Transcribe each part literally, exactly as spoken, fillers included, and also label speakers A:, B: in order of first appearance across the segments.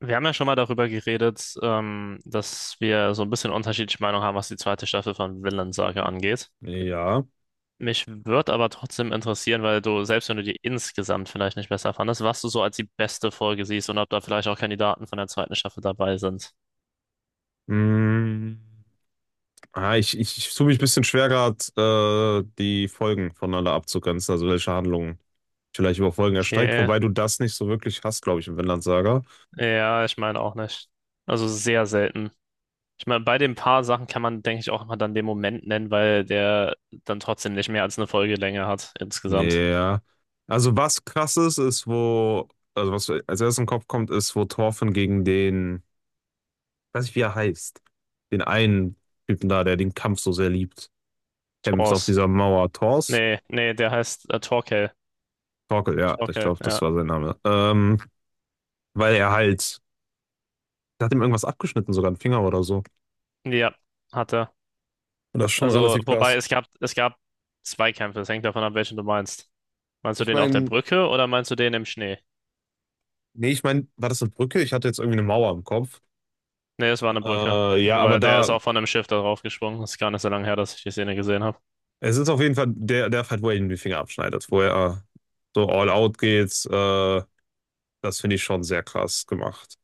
A: Wir haben ja schon mal darüber geredet, ähm, dass wir so ein bisschen unterschiedliche Meinung haben, was die zweite Staffel von Vinland Saga angeht.
B: Ja.
A: Mich würde aber trotzdem interessieren, weil du, selbst wenn du die insgesamt vielleicht nicht besser fandest, was du so als die beste Folge siehst und ob da vielleicht auch Kandidaten von der zweiten Staffel dabei sind.
B: Mm. Ah, ich, ich, ich tue mich ein bisschen schwer gerade, äh, die Folgen voneinander abzugrenzen, also welche Handlungen vielleicht über Folgen erstreckt,
A: Okay,
B: wobei du das nicht so wirklich hast, glaube ich, im Vinland Saga.
A: ja, ich meine auch nicht. Also sehr selten. Ich meine, bei den paar Sachen kann man, denke ich, auch mal dann den Moment nennen, weil der dann trotzdem nicht mehr als eine Folgelänge hat insgesamt.
B: Ja. Also was krass ist, ist wo, also was mir als erstes im Kopf kommt, ist, wo Thorfinn gegen den, ich weiß nicht, wie er heißt, den einen Typen da, der den Kampf so sehr liebt, kämpft auf
A: Thors.
B: dieser Mauer. Thors?
A: Nee, nee, der heißt äh, Torkel.
B: Torkel, ja, ich
A: Torkel,
B: glaube, das
A: ja.
B: war sein Name. Ähm, weil er halt der hat ihm irgendwas abgeschnitten, sogar einen Finger oder so.
A: Ja, hat er.
B: Und das ist schon
A: Also,
B: relativ
A: wobei
B: krass.
A: es gab, es gab zwei Kämpfe. Es hängt davon ab, welchen du meinst. Meinst du
B: Ich
A: den auf der
B: meine,
A: Brücke oder meinst du den im Schnee?
B: nee, ich meine, war das eine Brücke? Ich hatte jetzt irgendwie eine Mauer im Kopf.
A: Nee, es war eine Brücke.
B: Äh, ja, aber
A: Weil der
B: da,
A: ist auch von einem Schiff da drauf gesprungen. Das ist gar nicht so lange her, dass ich die Szene gesehen habe.
B: es ist auf jeden Fall der, der Fight, wo er ihm die Finger abschneidet, wo er äh, so all out geht. Äh, das finde ich schon sehr krass gemacht.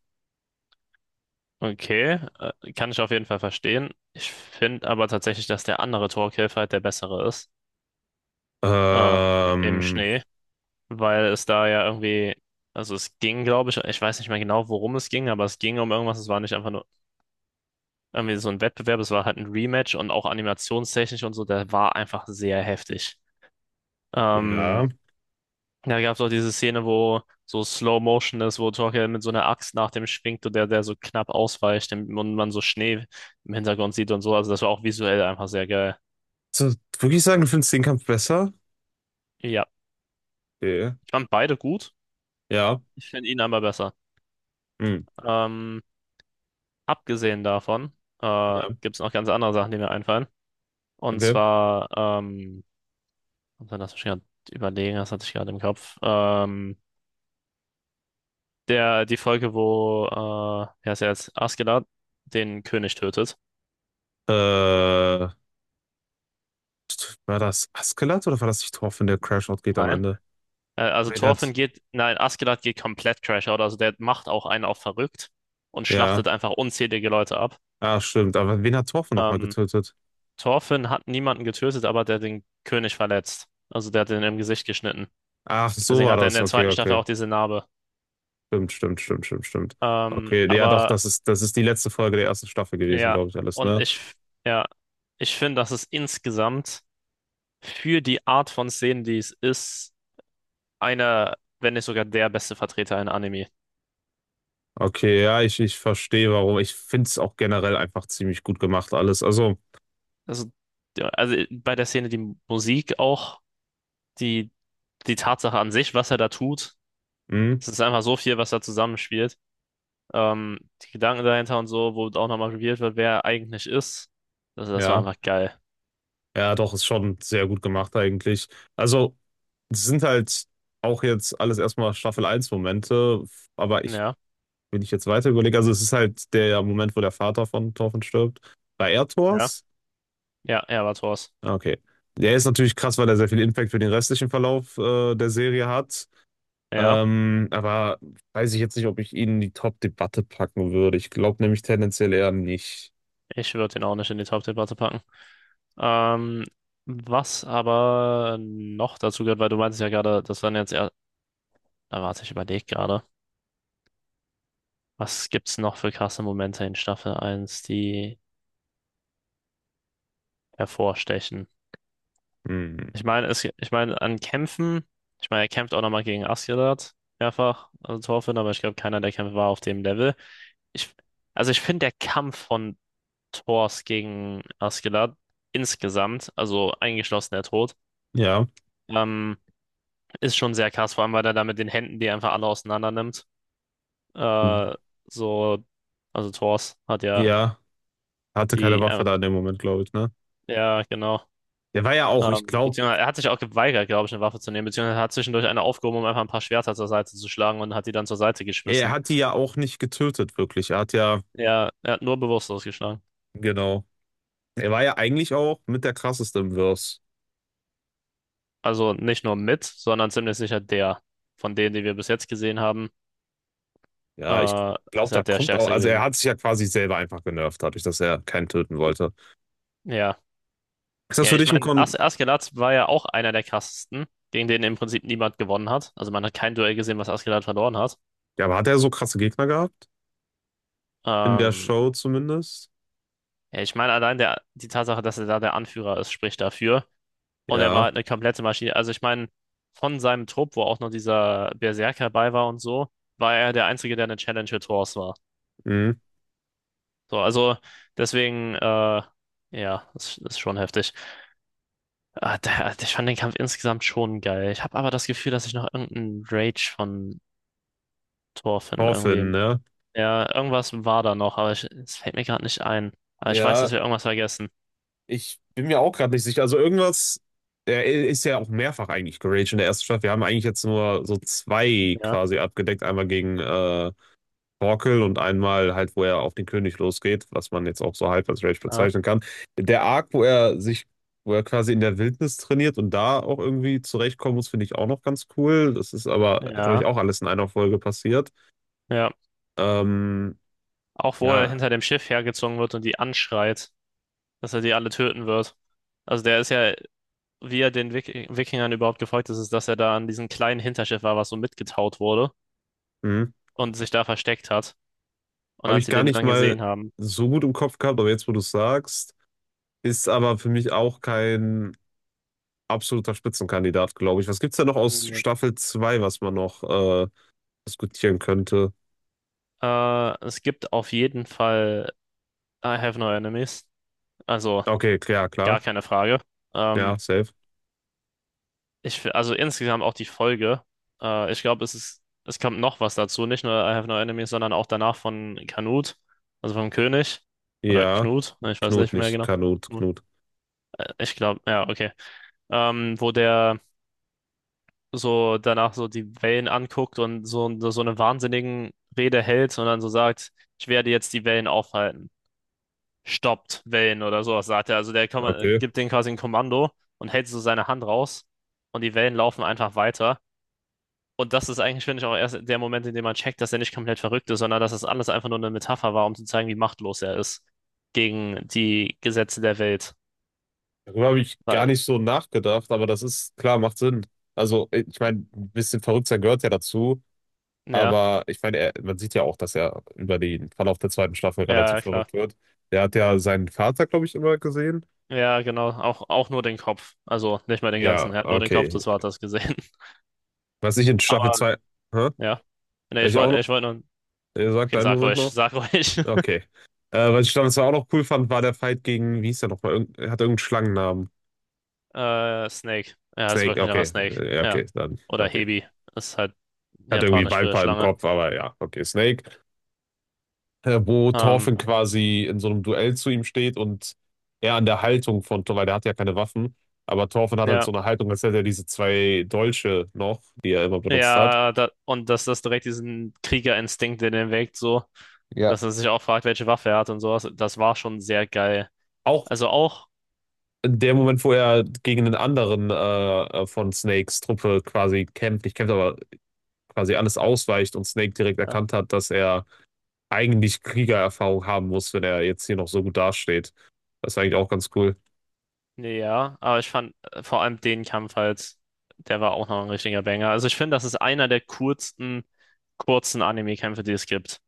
A: Okay, äh, kann ich auf jeden Fall verstehen. Ich finde aber tatsächlich, dass der andere Torkelf halt der bessere ist. Ähm, Im
B: Ähm,
A: Schnee. Weil es da ja irgendwie, also es ging, glaube ich, ich weiß nicht mehr genau, worum es ging, aber es ging um irgendwas. Es war nicht einfach nur irgendwie so ein Wettbewerb, es war halt ein Rematch und auch animationstechnisch und so, der war einfach sehr heftig. Ähm,
B: ja.
A: Da gab es auch diese Szene, wo so Slow Motion ist, wo Torkel mit so einer Axt nach dem schwingt und der, der so knapp ausweicht und man so Schnee im Hintergrund sieht und so. Also das war auch visuell einfach sehr geil.
B: So, wirklich sagen, du findest den Kampf besser?
A: Ja,
B: Okay.
A: ich fand beide gut.
B: Ja.
A: Ich finde ihn aber besser.
B: Hm.
A: Ähm, Abgesehen davon äh,
B: Ja.
A: gibt es noch ganz andere Sachen, die mir einfallen. Und
B: Okay.
A: zwar, ähm, und dann lass mich gerade überlegen, das hatte ich gerade im Kopf. Ähm, Der, die Folge, wo, äh, wer ist er jetzt? Askeladd den König tötet.
B: Äh, War das Askelat oder war das nicht Thorfinn, der Crash-Out geht am
A: Nein.
B: Ende?
A: Äh, also
B: Nein,
A: Thorfinn
B: hat.
A: geht, nein, Askeladd geht komplett Crash Out. Also der macht auch einen auf verrückt und
B: Ja.
A: schlachtet einfach unzählige Leute ab.
B: Ach, stimmt. Aber wen hat Torfe nochmal
A: Ähm,
B: getötet?
A: Thorfinn hat niemanden getötet, aber der hat den König verletzt. Also der hat den im Gesicht geschnitten.
B: Ach, so
A: Deswegen
B: war
A: hat er in
B: das.
A: der
B: Okay,
A: zweiten Staffel
B: okay.
A: auch diese Narbe.
B: Stimmt, stimmt, stimmt, stimmt, stimmt.
A: Ähm,
B: Okay, ja doch,
A: aber
B: das ist, das ist die letzte Folge der ersten Staffel gewesen,
A: ja,
B: glaube ich, alles,
A: und
B: ne?
A: ich, ja, ich finde, dass es insgesamt für die Art von Szenen, die es ist, einer, wenn nicht sogar der beste Vertreter in Anime.
B: Okay, ja, ich, ich verstehe warum. Ich finde es auch generell einfach ziemlich gut gemacht, alles. Also,
A: Also, ja, also bei der Szene die Musik auch, die, die Tatsache an sich, was er da tut.
B: hm,
A: Es ist einfach so viel, was da zusammenspielt. Ähm, die Gedanken dahinter und so, wo auch nochmal revealed wird, wer er eigentlich ist. Also das war
B: ja.
A: einfach geil.
B: Ja, doch, ist schon sehr gut gemacht eigentlich. Also, es sind halt auch jetzt alles erstmal Staffel eins Momente, aber ich,
A: Ja,
B: wenn ich jetzt weiter überlege, also es ist halt der Moment, wo der Vater von Torfen stirbt. Bei
A: ja,
B: Erdors?
A: ja, er war Thors.
B: Ah, okay. Der ist natürlich krass, weil er sehr viel Impact für den restlichen Verlauf äh, der Serie hat.
A: Ja,
B: Ähm, aber weiß ich jetzt nicht, ob ich ihn in die Top-Debatte packen würde. Ich glaube nämlich tendenziell eher nicht.
A: ich würde den auch nicht in die Top-Debatte packen. Ähm, Was aber noch dazu gehört, weil du meintest ja gerade, das waren jetzt eher, da warte, ich überlege gerade. Was gibt's noch für krasse Momente in Staffel eins, die hervorstechen?
B: Hm.
A: Ich meine, es, ich meine, an Kämpfen, ich meine, er kämpft auch nochmal gegen Asgard mehrfach, also Thor aber ich glaube, keiner der Kämpfe war auf dem Level. Ich, also ich finde der Kampf von Thors gegen Asgard insgesamt, also eingeschlossen der Tod,
B: Ja.
A: ähm, ist schon sehr krass, vor allem weil er da mit den Händen die einfach alle auseinander nimmt. Äh, so, also Thors hat ja
B: Ja. Hatte keine
A: die,
B: Waffe
A: äh,
B: da in dem Moment, glaube ich, ne?
A: ja genau.
B: Der war ja auch, ich
A: Ähm,
B: glaube,
A: beziehungsweise er hat sich auch geweigert, glaube ich, eine Waffe zu nehmen, beziehungsweise er hat zwischendurch eine aufgehoben, um einfach ein paar Schwerter zur Seite zu schlagen und hat die dann zur Seite
B: er
A: geschmissen.
B: hat die ja auch nicht getötet, wirklich. Er hat ja,
A: Er, er hat nur bewusstlos geschlagen.
B: genau. Er war ja eigentlich auch mit der krasseste im Verse.
A: Also nicht nur mit, sondern ziemlich sicher der von denen, die wir bis jetzt gesehen haben,
B: Ja, ich
A: äh,
B: glaube,
A: ist
B: da
A: halt der
B: kommt auch,
A: stärkste
B: also er
A: gewesen.
B: hat sich ja quasi selber einfach genervt, dadurch, dass er keinen töten wollte.
A: Ja.
B: Ist das
A: Ja,
B: für
A: ich
B: dich ein,
A: meine, As
B: Kon
A: Askeladd war ja auch einer der krassesten, gegen den im Prinzip niemand gewonnen hat. Also man hat kein Duell gesehen, was Askeladd verloren hat.
B: ja, aber hat er so krasse Gegner gehabt? In der
A: Ähm,
B: Show zumindest?
A: ja, ich meine, allein der, die Tatsache, dass er da der Anführer ist, spricht dafür. Und er war
B: Ja,
A: halt eine komplette Maschine. Also ich meine, von seinem Trupp, wo auch noch dieser Berserker bei war und so, war er der Einzige, der eine Challenge mit Thors war.
B: mh.
A: So, also deswegen, äh, ja, das ist schon heftig. Ah, der, ich fand den Kampf insgesamt schon geil. Ich habe aber das Gefühl, dass ich noch irgendeinen Rage von Thor finde,
B: Hoffen,
A: irgendwie.
B: ne?
A: Ja, irgendwas war da noch, aber ich, es fällt mir gerade nicht ein. Aber ich weiß, dass
B: Ja,
A: wir irgendwas vergessen.
B: ich bin mir auch gerade nicht sicher. Also irgendwas, er ist ja auch mehrfach eigentlich geraged in der ersten Staffel. Wir haben eigentlich jetzt nur so zwei
A: Ja,
B: quasi abgedeckt. Einmal gegen äh, Torkel und einmal halt, wo er auf den König losgeht, was man jetzt auch so halb als Rage
A: ja,
B: bezeichnen kann. Der Arc, wo er sich, wo er quasi in der Wildnis trainiert und da auch irgendwie zurechtkommen muss, finde ich auch noch ganz cool. Das ist aber, glaube ich,
A: ja,
B: auch alles in einer Folge passiert.
A: ja.
B: Ähm,
A: Auch wo er
B: ja,
A: hinter dem Schiff hergezogen wird und die anschreit, dass er die alle töten wird. Also der ist ja, wie er den Wik Wikingern überhaupt gefolgt ist, ist, dass er da an diesem kleinen Hinterschiff war, was so mitgetaut wurde
B: hm.
A: und sich da versteckt hat. Und
B: Habe
A: als
B: ich
A: sie
B: gar
A: den
B: nicht
A: dann
B: mal
A: gesehen haben,
B: so gut im Kopf gehabt, aber jetzt, wo du es sagst, ist aber für mich auch kein absoluter Spitzenkandidat, glaube ich. Was gibt's da noch aus
A: nee.
B: Staffel zwei, was man noch äh, diskutieren könnte?
A: Äh, es gibt auf jeden Fall I have no enemies. Also
B: Okay, klar, klar.
A: gar keine Frage.
B: Ja,
A: Ähm,
B: safe.
A: ich, fi- also insgesamt auch die Folge. Äh, ich glaube, es ist, es kommt noch was dazu. Nicht nur I have no enemies, sondern auch danach von Canute, also vom König. Oder
B: Ja,
A: Knut, ne, ich weiß
B: Knut
A: nicht mehr
B: nicht.
A: genau.
B: Kanut, Knut.
A: Äh, Ich glaube, ja, okay. Ähm, wo der so danach so die Wellen anguckt und so, so eine wahnsinnigen Rede hält und dann so sagt, ich werde jetzt die Wellen aufhalten. Stoppt Wellen oder sowas, sagt er. Also der Komm-
B: Okay.
A: gibt denen quasi ein Kommando und hält so seine Hand raus und die Wellen laufen einfach weiter. Und das ist eigentlich, finde ich, auch erst der Moment, in dem man checkt, dass er nicht komplett verrückt ist, sondern dass das alles einfach nur eine Metapher war, um zu zeigen, wie machtlos er ist gegen die Gesetze der Welt.
B: Darüber habe ich
A: Wa-
B: gar nicht so nachgedacht, aber das ist klar, macht Sinn. Also, ich meine, ein bisschen verrückt sein gehört ja dazu.
A: Ja,
B: Aber ich meine, er, man sieht ja auch, dass er über den Verlauf der zweiten Staffel
A: ja,
B: relativ
A: klar.
B: verrückt wird. Der hat ja seinen Vater, glaube ich, immer gesehen.
A: Ja, genau. Auch, auch nur den Kopf. Also nicht mal den
B: Ja,
A: ganzen. Er hat nur den Kopf
B: okay.
A: des Vaters gesehen.
B: Was ich in Staffel
A: Aber
B: zwei hä?
A: ja. Nee,
B: Was
A: ich
B: ich auch
A: wollte
B: noch,
A: ich wollt nur.
B: ihr sagt
A: Okay,
B: einen
A: sag
B: Moment
A: ruhig,
B: noch?
A: sag ruhig.
B: Okay. Äh, was ich Staffel zwei auch noch cool fand, war der Fight gegen, wie hieß der nochmal? Irgend, er hat irgendeinen Schlangennamen.
A: Äh, Snake. Ja, ist
B: Snake,
A: wirklich einfach
B: okay.
A: Snake.
B: Äh, Ja,
A: Ja.
B: okay, dann,
A: Oder
B: okay.
A: Hebi. Ist halt
B: Hat irgendwie
A: japanisch für
B: Viper im
A: Schlange.
B: Kopf, aber ja, okay, Snake. Äh, wo
A: Ähm,
B: Thorfinn quasi in so einem Duell zu ihm steht und er an der Haltung von, weil der hat ja keine Waffen, aber Thorfinn hat halt
A: ja.
B: so eine Haltung, als hätte er diese zwei Dolche noch, die er immer benutzt hat.
A: Ja, da, und dass das direkt diesen Kriegerinstinkt in den weckt, so,
B: Ja,
A: dass er sich auch fragt, welche Waffe er hat und sowas, das war schon sehr geil.
B: auch
A: Also auch.
B: in dem Moment, wo er gegen den anderen äh, äh, von Snakes Truppe quasi kämpft, nicht kämpft, aber quasi alles ausweicht und Snake direkt erkannt hat, dass er eigentlich Kriegererfahrung haben muss, wenn er jetzt hier noch so gut dasteht. Das ist eigentlich auch ganz cool.
A: Nee, ja, aber ich fand äh, vor allem den Kampf halt, der war auch noch ein richtiger Banger. Also ich finde, das ist einer der kurzen, kurzen Anime-Kämpfe, die es gibt.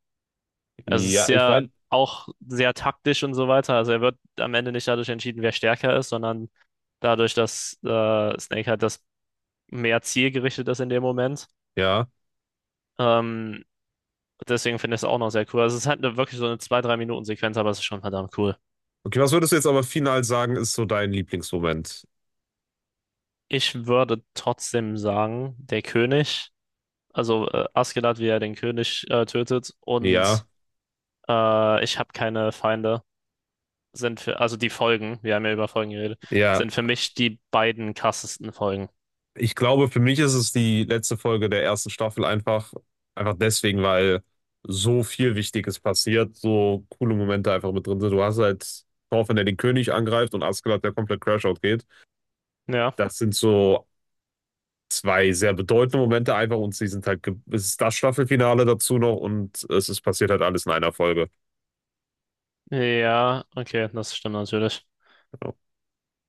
A: Es ist
B: Ja, ich
A: ja
B: meine,
A: auch sehr taktisch und so weiter. Also er wird am Ende nicht dadurch entschieden, wer stärker ist, sondern dadurch, dass äh, Snake halt das mehr zielgerichtet ist in dem Moment.
B: ja.
A: Ähm, Deswegen finde ich es auch noch sehr cool. Also es ist halt eine, wirklich so eine zwei drei Minuten Sequenz aber es ist schon verdammt cool.
B: Okay, was würdest du jetzt aber final sagen, ist so dein Lieblingsmoment?
A: Ich würde trotzdem sagen, der König. Also äh, Askeladd, wie er den König äh, tötet. Und
B: Ja,
A: äh, ich habe keine Feinde. Sind für, also die Folgen, wir haben ja über Folgen geredet,
B: ja.
A: sind für mich die beiden krassesten Folgen.
B: Ich glaube, für mich ist es die letzte Folge der ersten Staffel einfach, einfach deswegen, weil so viel Wichtiges passiert, so coole Momente einfach mit drin sind. Du hast halt Thorfinn, der den König angreift und Askeladd, der komplett Crashout geht.
A: Ja,
B: Das sind so zwei sehr bedeutende Momente einfach und sie sind halt, ge- es ist das Staffelfinale dazu noch und es ist passiert halt alles in einer Folge.
A: ja, okay, das stimmt natürlich.
B: Genau.